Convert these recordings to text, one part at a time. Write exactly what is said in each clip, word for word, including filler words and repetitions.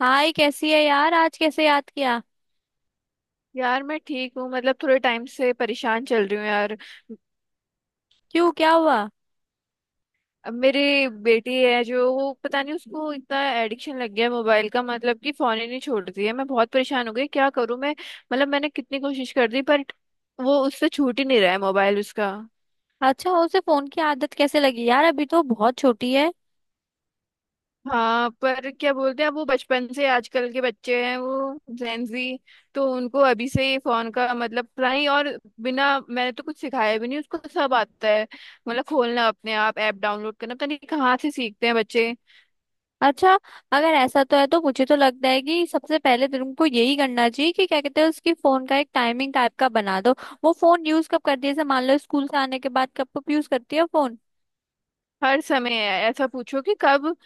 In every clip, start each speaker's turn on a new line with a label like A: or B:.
A: हाय, कैसी है यार? आज कैसे याद किया?
B: यार मैं ठीक हूँ। मतलब थोड़े टाइम से परेशान चल रही हूँ यार।
A: क्यों, क्या हुआ?
B: अब मेरी बेटी है जो वो पता नहीं, उसको इतना एडिक्शन लग गया है मोबाइल का। मतलब कि फोन ही नहीं छोड़ती है। मैं बहुत परेशान हो गई, क्या करूँ मैं। मतलब मैंने कितनी कोशिश कर दी, पर वो उससे छूट ही नहीं रहा है मोबाइल उसका।
A: अच्छा, उसे फोन की आदत कैसे लगी यार? अभी तो बहुत छोटी है।
B: हाँ, पर क्या बोलते हैं, अब वो बचपन से, आजकल के बच्चे हैं वो जेंजी, तो उनको अभी से ही फोन का मतलब। नहीं और बिना मैंने तो कुछ सिखाया भी नहीं, उसको सब आता है। मतलब खोलना, अपने आप ऐप डाउनलोड करना, पता नहीं कहाँ से सीखते हैं बच्चे।
A: अच्छा, अगर ऐसा तो है तो मुझे तो लगता है कि सबसे पहले तुमको यही करना चाहिए कि क्या कहते हैं, उसकी फोन का एक टाइमिंग टाइप का बना दो। वो फोन यूज कब करती है? जैसे मान लो, स्कूल से आने के बाद कब कब यूज करती है फोन?
B: हर समय है, ऐसा पूछो कि कब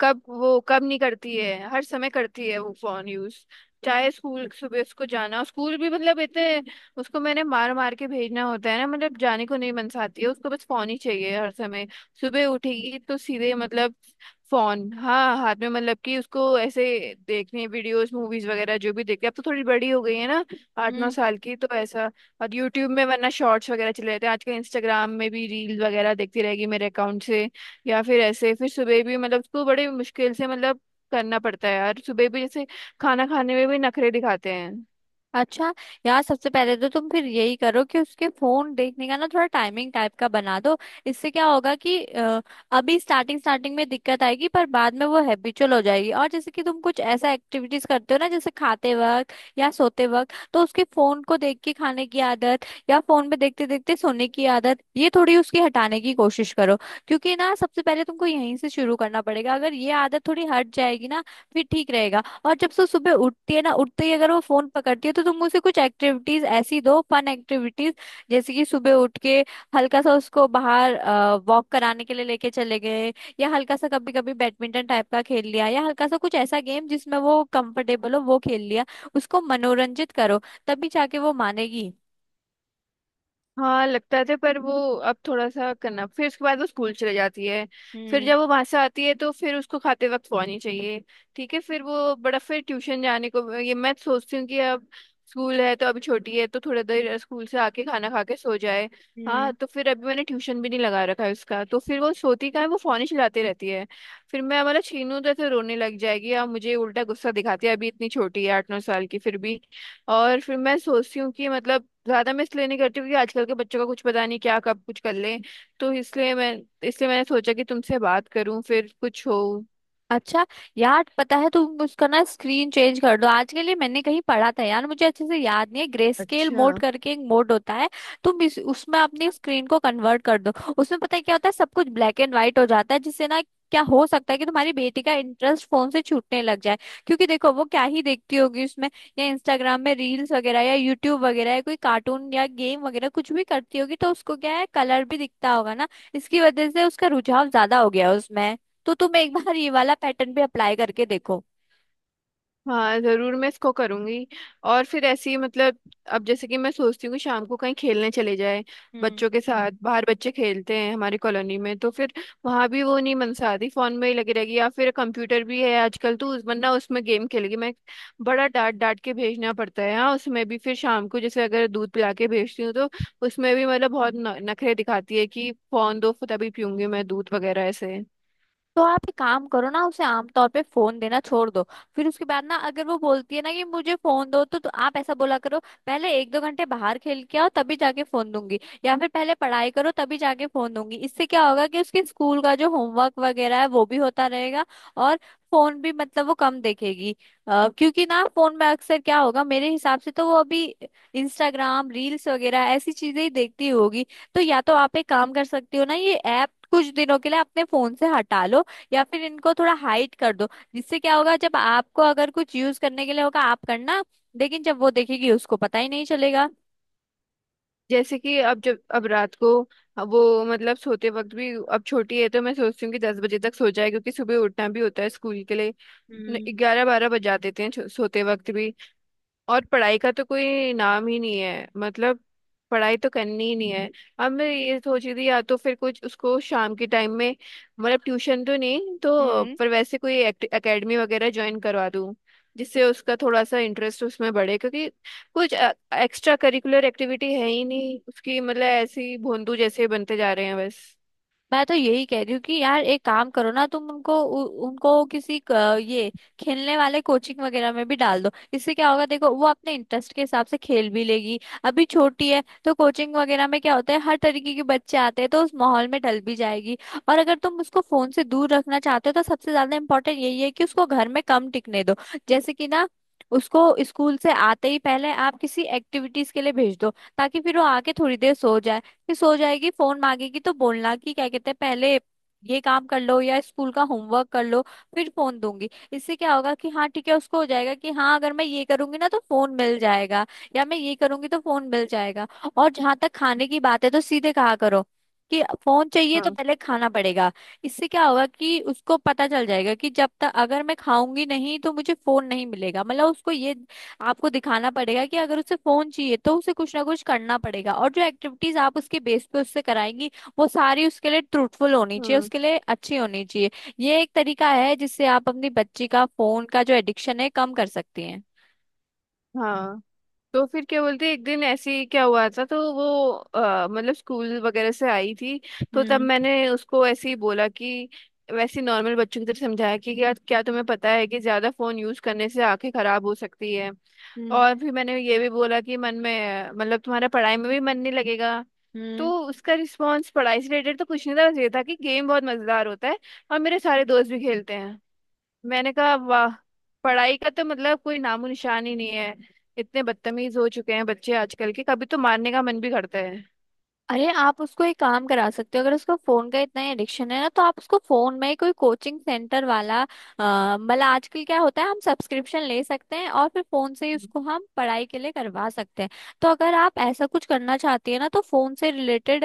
B: कब वो कब नहीं करती है, हर समय करती है वो फोन यूज। चाहे स्कूल, सुबह उसको जाना स्कूल भी, मतलब इतने उसको मैंने मार मार के भेजना होता है ना। मतलब जाने को नहीं मनसाती है, उसको बस फोन ही चाहिए हर समय। सुबह उठेगी तो सीधे मतलब फोन, हाँ, हाथ में। मतलब कि उसको ऐसे देखने, वीडियोस मूवीज वगैरह जो भी देखते, अब तो थोड़ी बड़ी हो गई है ना, आठ नौ साल की, तो ऐसा। और यूट्यूब में वरना शॉर्ट्स वगैरह चले जाते हैं आजकल, इंस्टाग्राम में भी रील्स वगैरह देखती रहेगी मेरे अकाउंट से। या फिर ऐसे, फिर सुबह भी मतलब उसको बड़े मुश्किल से, मतलब करना पड़ता है यार। सुबह भी जैसे खाना खाने में भी नखरे दिखाते हैं।
A: अच्छा, यार सबसे पहले तो तुम फिर यही करो कि उसके फोन देखने का ना थोड़ा टाइमिंग टाइप का बना दो। इससे क्या होगा कि अ, अभी स्टार्टिंग स्टार्टिंग में दिक्कत आएगी, पर बाद में वो हैबिचुअल हो जाएगी। और जैसे कि तुम कुछ ऐसा एक्टिविटीज करते हो ना, जैसे खाते वक्त या सोते वक्त, तो उसके फोन को देख के खाने की आदत या फोन पे देखते देखते सोने की आदत, ये थोड़ी उसकी हटाने की कोशिश करो। क्योंकि ना सबसे पहले तुमको यहीं से शुरू करना पड़ेगा। अगर ये आदत थोड़ी हट जाएगी ना, फिर ठीक रहेगा। और जब सो सुबह उठती है ना, उठते ही अगर वो फोन पकड़ती है तो तुम उसे कुछ एक्टिविटीज ऐसी दो, फन एक्टिविटीज। जैसे कि सुबह उठ के हल्का सा उसको बाहर वॉक कराने के लिए लेके चले गए, या हल्का सा कभी कभी बैडमिंटन टाइप का खेल लिया, या हल्का सा कुछ ऐसा गेम जिसमें वो कंफर्टेबल हो वो खेल लिया। उसको मनोरंजित करो, तभी जाके वो मानेगी।
B: हाँ लगता था, पर वो अब थोड़ा सा करना, फिर उसके बाद वो स्कूल चले जाती है। फिर जब वो वहां से आती है तो फिर उसको खाते वक्त सोनी चाहिए। ठीक है, फिर वो बड़ा, फिर ट्यूशन जाने को, ये मैं सोचती हूँ कि अब स्कूल है तो अभी छोटी है तो थोड़ा देर स्कूल से आके खाना खा के सो जाए। हाँ,
A: हम्म।
B: तो फिर अभी मैंने ट्यूशन भी नहीं लगा रखा है उसका, तो फिर वो सोती कहाँ है, वो फोन ही चलाती रहती है। फिर मैं मतलब छीनू तो ऐसे रोने लग जाएगी, और मुझे उल्टा गुस्सा दिखाती है, अभी इतनी छोटी है आठ नौ साल की, फिर भी। और फिर मैं सोचती हूँ कि मतलब ज्यादा मैं इसलिए नहीं करती हूँ, क्योंकि आजकल के बच्चों का कुछ पता नहीं क्या कब कुछ कर लें। तो इसलिए मैं, इसलिए मैंने सोचा कि तुमसे बात करूं, फिर कुछ हो।
A: अच्छा, यार पता है तुम उसका ना स्क्रीन चेंज कर दो आज के लिए। मैंने कहीं पढ़ा था यार, मुझे अच्छे से याद नहीं है, ग्रे स्केल मोड
B: अच्छा।
A: करके एक मोड होता है। तुम इस, उसमें अपनी स्क्रीन को कन्वर्ट कर दो। उसमें पता है क्या होता है, सब कुछ ब्लैक एंड व्हाइट हो जाता है, जिससे ना क्या हो सकता है कि तुम्हारी बेटी का इंटरेस्ट फोन से छूटने लग जाए। क्योंकि देखो वो क्या ही देखती होगी उसमें, या इंस्टाग्राम में रील्स वगैरह, या यूट्यूब वगैरह, या कोई कार्टून या गेम वगैरह, कुछ भी करती होगी तो उसको क्या है, कलर भी दिखता होगा ना। इसकी वजह से उसका रुझाव ज्यादा हो गया उसमें। तो तुम एक बार ये वाला पैटर्न भी अप्लाई करके देखो।
B: हाँ जरूर, मैं इसको करूंगी। और फिर ऐसी मतलब, अब जैसे कि मैं सोचती हूँ कि शाम को कहीं खेलने चले जाए, बच्चों के साथ बाहर बच्चे खेलते हैं हमारी कॉलोनी में, तो फिर वहां भी वो नहीं मनसाती, फोन में ही लगी रहेगी। या फिर कंप्यूटर भी है आजकल तो उस, वरना उसमें गेम खेलेगी। मैं बड़ा डांट डांट के भेजना पड़ता है। हाँ, उसमें भी फिर शाम को जैसे अगर दूध पिला के भेजती हूँ, तो उसमें भी मतलब बहुत न- नखरे दिखाती है कि फोन दो तभी पीऊंगी मैं दूध वगैरह ऐसे।
A: तो आप एक काम करो ना, उसे आमतौर पे फोन देना छोड़ दो। फिर उसके बाद ना अगर वो बोलती है ना कि मुझे फोन दो तो, तो आप ऐसा बोला करो, पहले एक दो घंटे बाहर खेल के आओ तभी जाके फोन दूंगी। या फिर पहले पढ़ाई करो तभी जाके फोन दूंगी। इससे क्या होगा कि उसके स्कूल का जो होमवर्क वगैरह है वो भी होता रहेगा, और फोन भी मतलब वो कम देखेगी। अ, क्योंकि ना फोन में अक्सर क्या होगा, मेरे हिसाब से तो वो अभी इंस्टाग्राम रील्स वगैरह ऐसी चीजें ही देखती होगी। तो या तो आप एक काम कर सकती हो ना, ये ऐप कुछ दिनों के लिए अपने फोन से हटा लो, या फिर इनको थोड़ा हाइड कर दो। जिससे क्या होगा, जब आपको अगर कुछ यूज करने के लिए होगा आप करना, लेकिन जब वो देखेगी उसको पता ही नहीं चलेगा।
B: जैसे कि अब जब अब रात को वो, मतलब सोते वक्त भी अब छोटी है तो मैं सोचती हूँ कि दस बजे तक सो जाए, क्योंकि सुबह उठना भी होता है स्कूल के लिए।
A: हम्म।
B: ग्यारह बारह बजा देते हैं छो- सोते वक्त भी। और पढ़ाई का तो कोई नाम ही नहीं है, मतलब पढ़ाई तो करनी ही नहीं है। अब मैं ये सोच रही थी, या तो फिर कुछ उसको शाम के टाइम में, मतलब ट्यूशन तो नहीं तो पर वैसे कोई एकेडमी वगैरह ज्वाइन करवा दूं, जिससे उसका थोड़ा सा इंटरेस्ट उसमें बढ़े। क्योंकि कुछ एक्स्ट्रा करिकुलर एक्टिविटी है ही नहीं उसकी, मतलब ऐसी भोंदू जैसे बनते जा रहे हैं बस।
A: मैं तो यही कह रही हूँ कि यार एक काम करो ना, तुम उनको उ, उनको किसी क, ये खेलने वाले कोचिंग वगैरह में भी डाल दो। इससे क्या होगा, देखो वो अपने इंटरेस्ट के हिसाब से खेल भी लेगी। अभी छोटी है तो कोचिंग वगैरह में क्या होता है, हर तरीके के बच्चे आते हैं, तो उस माहौल में ढल भी जाएगी। और अगर तुम उसको फोन से दूर रखना चाहते हो तो सबसे ज्यादा इम्पोर्टेंट यही है कि उसको घर में कम टिकने दो। जैसे कि ना उसको स्कूल से आते ही पहले आप किसी एक्टिविटीज के लिए भेज दो, ताकि फिर वो आके थोड़ी देर सो जाए। फिर सो जाएगी, फोन मांगेगी तो बोलना कि क्या कहते हैं, पहले ये काम कर लो या स्कूल का होमवर्क कर लो, फिर फोन दूंगी। इससे क्या होगा कि हाँ ठीक है, उसको हो जाएगा कि हाँ अगर मैं ये करूंगी ना तो फोन मिल जाएगा, या मैं ये करूंगी तो फोन मिल जाएगा। और जहां तक खाने की बात है तो सीधे कहा करो कि फोन चाहिए तो
B: हाँ,
A: पहले खाना पड़ेगा। इससे क्या होगा कि उसको पता चल जाएगा कि जब तक अगर मैं खाऊंगी नहीं तो मुझे फोन नहीं मिलेगा। मतलब उसको ये आपको दिखाना पड़ेगा कि अगर उसे फोन चाहिए तो उसे कुछ ना कुछ करना पड़ेगा, और जो एक्टिविटीज आप उसके बेस पे उससे कराएंगी वो सारी उसके लिए ट्रूथफुल होनी चाहिए,
B: हाँ,
A: उसके लिए अच्छी होनी चाहिए। ये एक तरीका है जिससे आप अपनी बच्ची का फोन का जो एडिक्शन है कम कर सकती हैं।
B: हाँ। तो फिर क्या बोलते हैं, एक दिन ऐसे ही क्या हुआ था तो वो अ, मतलब स्कूल वगैरह से आई थी। तो तब
A: हम्म।
B: मैंने उसको ऐसे ही बोला कि, वैसे नॉर्मल बच्चों की तरह समझाया कि क्या क्या तुम्हें पता है, कि ज्यादा फोन यूज करने से आंखें खराब हो सकती है।
A: हम्म।
B: और फिर मैंने ये भी बोला कि मन में अ, मतलब तुम्हारा पढ़ाई में भी मन नहीं लगेगा। तो
A: हम्म।
B: उसका रिस्पांस पढ़ाई से रिलेटेड तो कुछ नहीं था, बस ये था कि गेम बहुत मजेदार होता है, और मेरे सारे दोस्त भी खेलते हैं। मैंने कहा वाह, पढ़ाई का तो मतलब कोई नामो निशान ही नहीं है। इतने बदतमीज हो चुके हैं बच्चे आजकल के, कभी तो मारने का मन भी करता है।
A: अरे, आप उसको एक काम करा सकते हो। अगर उसको फोन का इतना एडिक्शन है ना, तो आप उसको फोन में कोई कोचिंग सेंटर वाला अ, मतलब आजकल क्या होता है, हम सब्सक्रिप्शन ले सकते हैं और फिर फोन से ही उसको हम पढ़ाई के लिए करवा सकते हैं। तो अगर आप ऐसा कुछ करना चाहती है ना, तो फोन से रिलेटेड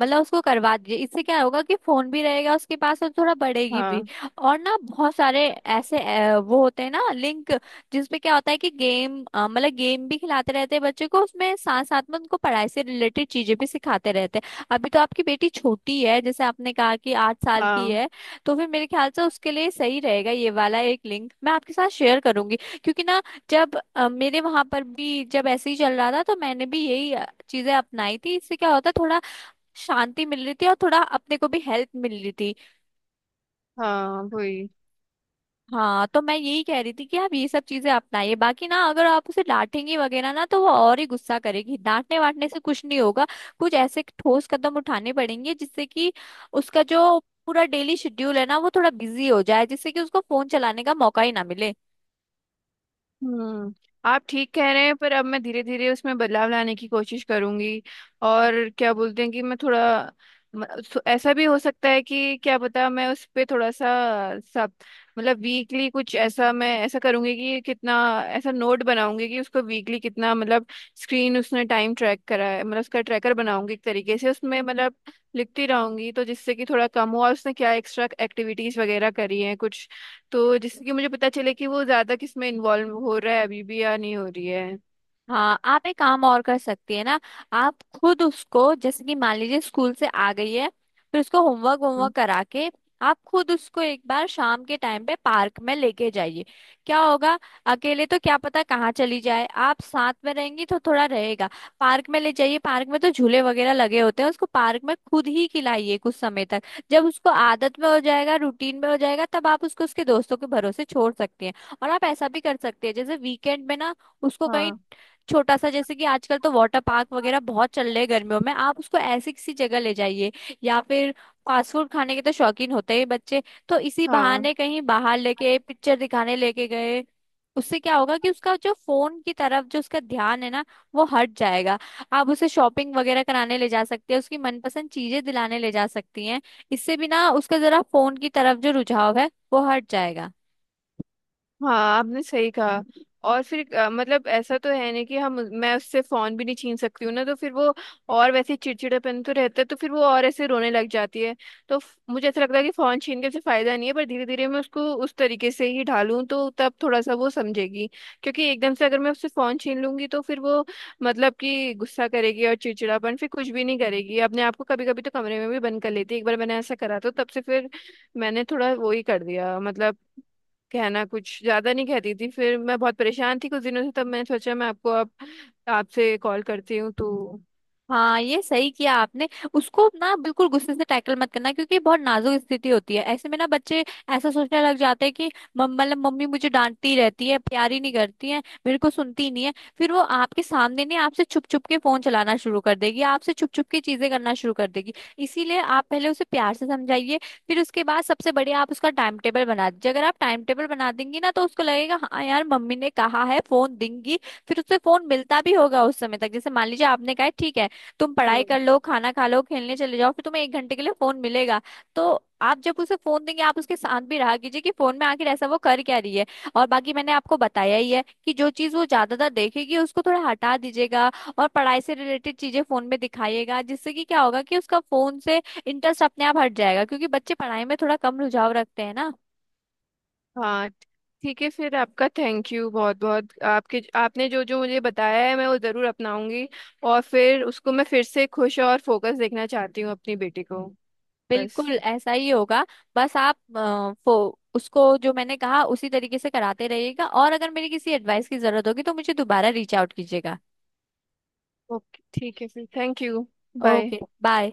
A: मतलब उसको करवा दीजिए। इससे क्या होगा कि फोन भी रहेगा उसके पास और थोड़ा बढ़ेगी भी।
B: हाँ,
A: और ना बहुत सारे ऐसे अ, वो होते हैं ना लिंक, जिसमें क्या होता है कि गेम अ, मतलब गेम भी खिलाते रहते हैं बच्चे को, उसमें साथ साथ में उनको पढ़ाई से रिलेटेड चीजें भी सिखाते रहते हैं। अभी तो आपकी बेटी छोटी है, जैसे आपने कहा कि आठ साल की
B: हाँ,
A: है, तो फिर मेरे ख्याल से उसके लिए सही रहेगा। ये वाला एक लिंक मैं आपके साथ शेयर करूंगी। क्योंकि ना जब अ, मेरे वहां पर भी जब ऐसे ही चल रहा था तो मैंने भी यही अ, चीजें अपनाई थी। इससे क्या होता है, थोड़ा शांति मिल रही थी और थोड़ा अपने को भी हेल्प मिल रही थी।
B: हाँ वही।
A: हाँ, तो मैं यही कह रही थी कि आप ये सब चीजें अपनाइए। बाकी ना अगर आप उसे डांटेंगी वगैरह ना तो वो और ही गुस्सा करेगी, डांटने वाटने से कुछ नहीं होगा। कुछ ऐसे ठोस कदम उठाने पड़ेंगे जिससे कि उसका जो पूरा डेली शेड्यूल है ना वो थोड़ा बिजी हो जाए, जिससे कि उसको फोन चलाने का मौका ही ना मिले।
B: हम्म, आप ठीक कह रहे हैं। पर अब मैं धीरे धीरे उसमें बदलाव लाने की कोशिश करूंगी। और क्या बोलते हैं कि मैं थोड़ा म- सो- ऐसा भी हो सकता है कि क्या पता मैं उस पे थोड़ा सा सब, मतलब वीकली कुछ ऐसा मैं ऐसा करूंगी कि कितना, ऐसा नोट बनाऊंगी कि उसको वीकली कितना, मतलब स्क्रीन उसने टाइम ट्रैक करा है, मतलब उसका ट्रैकर बनाऊंगी एक तरीके से। उसमें मतलब लिखती रहूंगी, तो जिससे कि थोड़ा कम हो, और उसने क्या एक्स्ट्रा एक्टिविटीज वगैरह करी हैं कुछ, तो जिससे कि मुझे पता चले कि वो ज्यादा किस में इन्वॉल्व हो रहा है अभी भी या नहीं हो रही है।
A: हाँ, आप एक काम और कर सकती है ना। आप खुद उसको जैसे कि मान लीजिए स्कूल से आ गई है, फिर उसको होमवर्क
B: हम्म।
A: होमवर्क करा के आप खुद उसको एक बार शाम के टाइम पे पार्क में लेके जाइए। क्या होगा, अकेले तो क्या पता कहाँ चली जाए, आप साथ में रहेंगी तो थोड़ा रहेगा। पार्क में ले जाइए, पार्क में तो झूले वगैरह लगे होते हैं, उसको पार्क में खुद ही खिलाइए कुछ समय तक। जब उसको आदत में हो जाएगा, रूटीन में हो जाएगा, तब आप उसको उसके दोस्तों के भरोसे छोड़ सकती हैं। और आप ऐसा भी कर सकते हैं, जैसे वीकेंड में ना उसको कहीं
B: हाँ,
A: छोटा सा, जैसे कि आजकल तो वाटर पार्क वगैरह बहुत चल रहे हैं गर्मियों में, आप उसको ऐसी किसी जगह ले जाइए, या फिर फास्ट फूड खाने के तो शौकीन होते ही बच्चे, तो इसी
B: हाँ,
A: बहाने कहीं बाहर लेके पिक्चर दिखाने लेके गए। उससे क्या होगा कि उसका जो फोन की तरफ जो उसका ध्यान है ना, वो हट जाएगा। आप उसे शॉपिंग वगैरह कराने ले जा सकते हैं, उसकी मनपसंद चीजें दिलाने ले जा सकती हैं। इससे भी ना उसका जरा फोन की तरफ जो रुझाव है वो हट जाएगा।
B: हाँ आपने सही कहा। और फिर अ, मतलब ऐसा तो है नहीं कि हम, मैं उससे फोन भी नहीं छीन सकती हूँ ना, तो फिर वो और वैसे चिड़चिड़ापन तो रहता है, तो फिर वो और ऐसे रोने लग जाती है। तो फ- मुझे ऐसा लगता है कि फोन छीन के उसे फायदा नहीं है, पर धीरे धीरे मैं उसको उस तरीके से ही ढालूं तो तब थोड़ा सा वो समझेगी। क्योंकि एकदम से अगर मैं उससे फोन छीन लूंगी तो फिर वो, मतलब कि गुस्सा करेगी और चिड़चिड़ापन फिर कुछ भी नहीं करेगी अपने आप को। कभी कभी तो कमरे में भी बंद कर लेती है, एक बार मैंने ऐसा करा तो तब से फिर मैंने थोड़ा वो ही कर दिया। मतलब कहना कुछ ज्यादा नहीं कहती थी। फिर मैं बहुत परेशान थी कुछ दिनों से, तब मैंने सोचा मैं आपको अब आपसे कॉल करती हूँ तो।
A: हाँ, ये सही किया आपने। उसको ना बिल्कुल गुस्से से टैकल मत करना, क्योंकि बहुत नाजुक स्थिति होती है। ऐसे में ना बच्चे ऐसा सोचने लग जाते हैं कि मम- मतलब मम्मी मुझे डांटती रहती है, प्यार ही नहीं करती है, मेरे को सुनती ही नहीं है। फिर वो आपके सामने नहीं, आपसे छुप छुप के फोन चलाना शुरू कर देगी, आपसे छुप छुप के चीजें करना शुरू कर देगी। इसीलिए आप पहले उसे प्यार से समझाइए। फिर उसके बाद सबसे बढ़िया, आप उसका टाइम टेबल बना दीजिए। अगर आप टाइम टेबल बना देंगी ना तो उसको लगेगा, हाँ यार मम्मी ने कहा है फोन देंगी। फिर उससे फोन मिलता भी होगा उस समय तक। जैसे मान लीजिए आपने कहा है, ठीक है तुम पढ़ाई
B: हम्म।
A: कर लो, खाना खा लो, खेलने चले जाओ, फिर तुम्हें एक घंटे के लिए फोन मिलेगा। तो आप जब उसे फोन देंगे, आप उसके साथ भी रहा कीजिए कि फोन में आखिर ऐसा वो कर क्या रही है। और बाकी मैंने आपको बताया ही है कि जो चीज वो ज्यादातर देखेगी उसको थोड़ा हटा दीजिएगा, और पढ़ाई से रिलेटेड चीजें फोन में दिखाइएगा, जिससे कि क्या होगा कि उसका फोन से इंटरेस्ट अपने आप हट जाएगा, क्योंकि बच्चे पढ़ाई में थोड़ा कम रुझाव रखते हैं ना।
B: हाँ ठीक है, फिर आपका थैंक यू बहुत बहुत। आपके, आपने जो जो मुझे बताया है मैं वो जरूर अपनाऊंगी, और फिर उसको मैं फिर से खुश और फोकस देखना चाहती हूँ अपनी बेटी को। बस।
A: बिल्कुल ऐसा ही होगा। बस आप अ, फो, उसको जो मैंने कहा उसी तरीके से कराते रहिएगा, और अगर मेरी किसी एडवाइस की जरूरत होगी तो मुझे दोबारा रीच आउट कीजिएगा।
B: ओके ठीक है, फिर thank you. Bye.
A: Okay bye.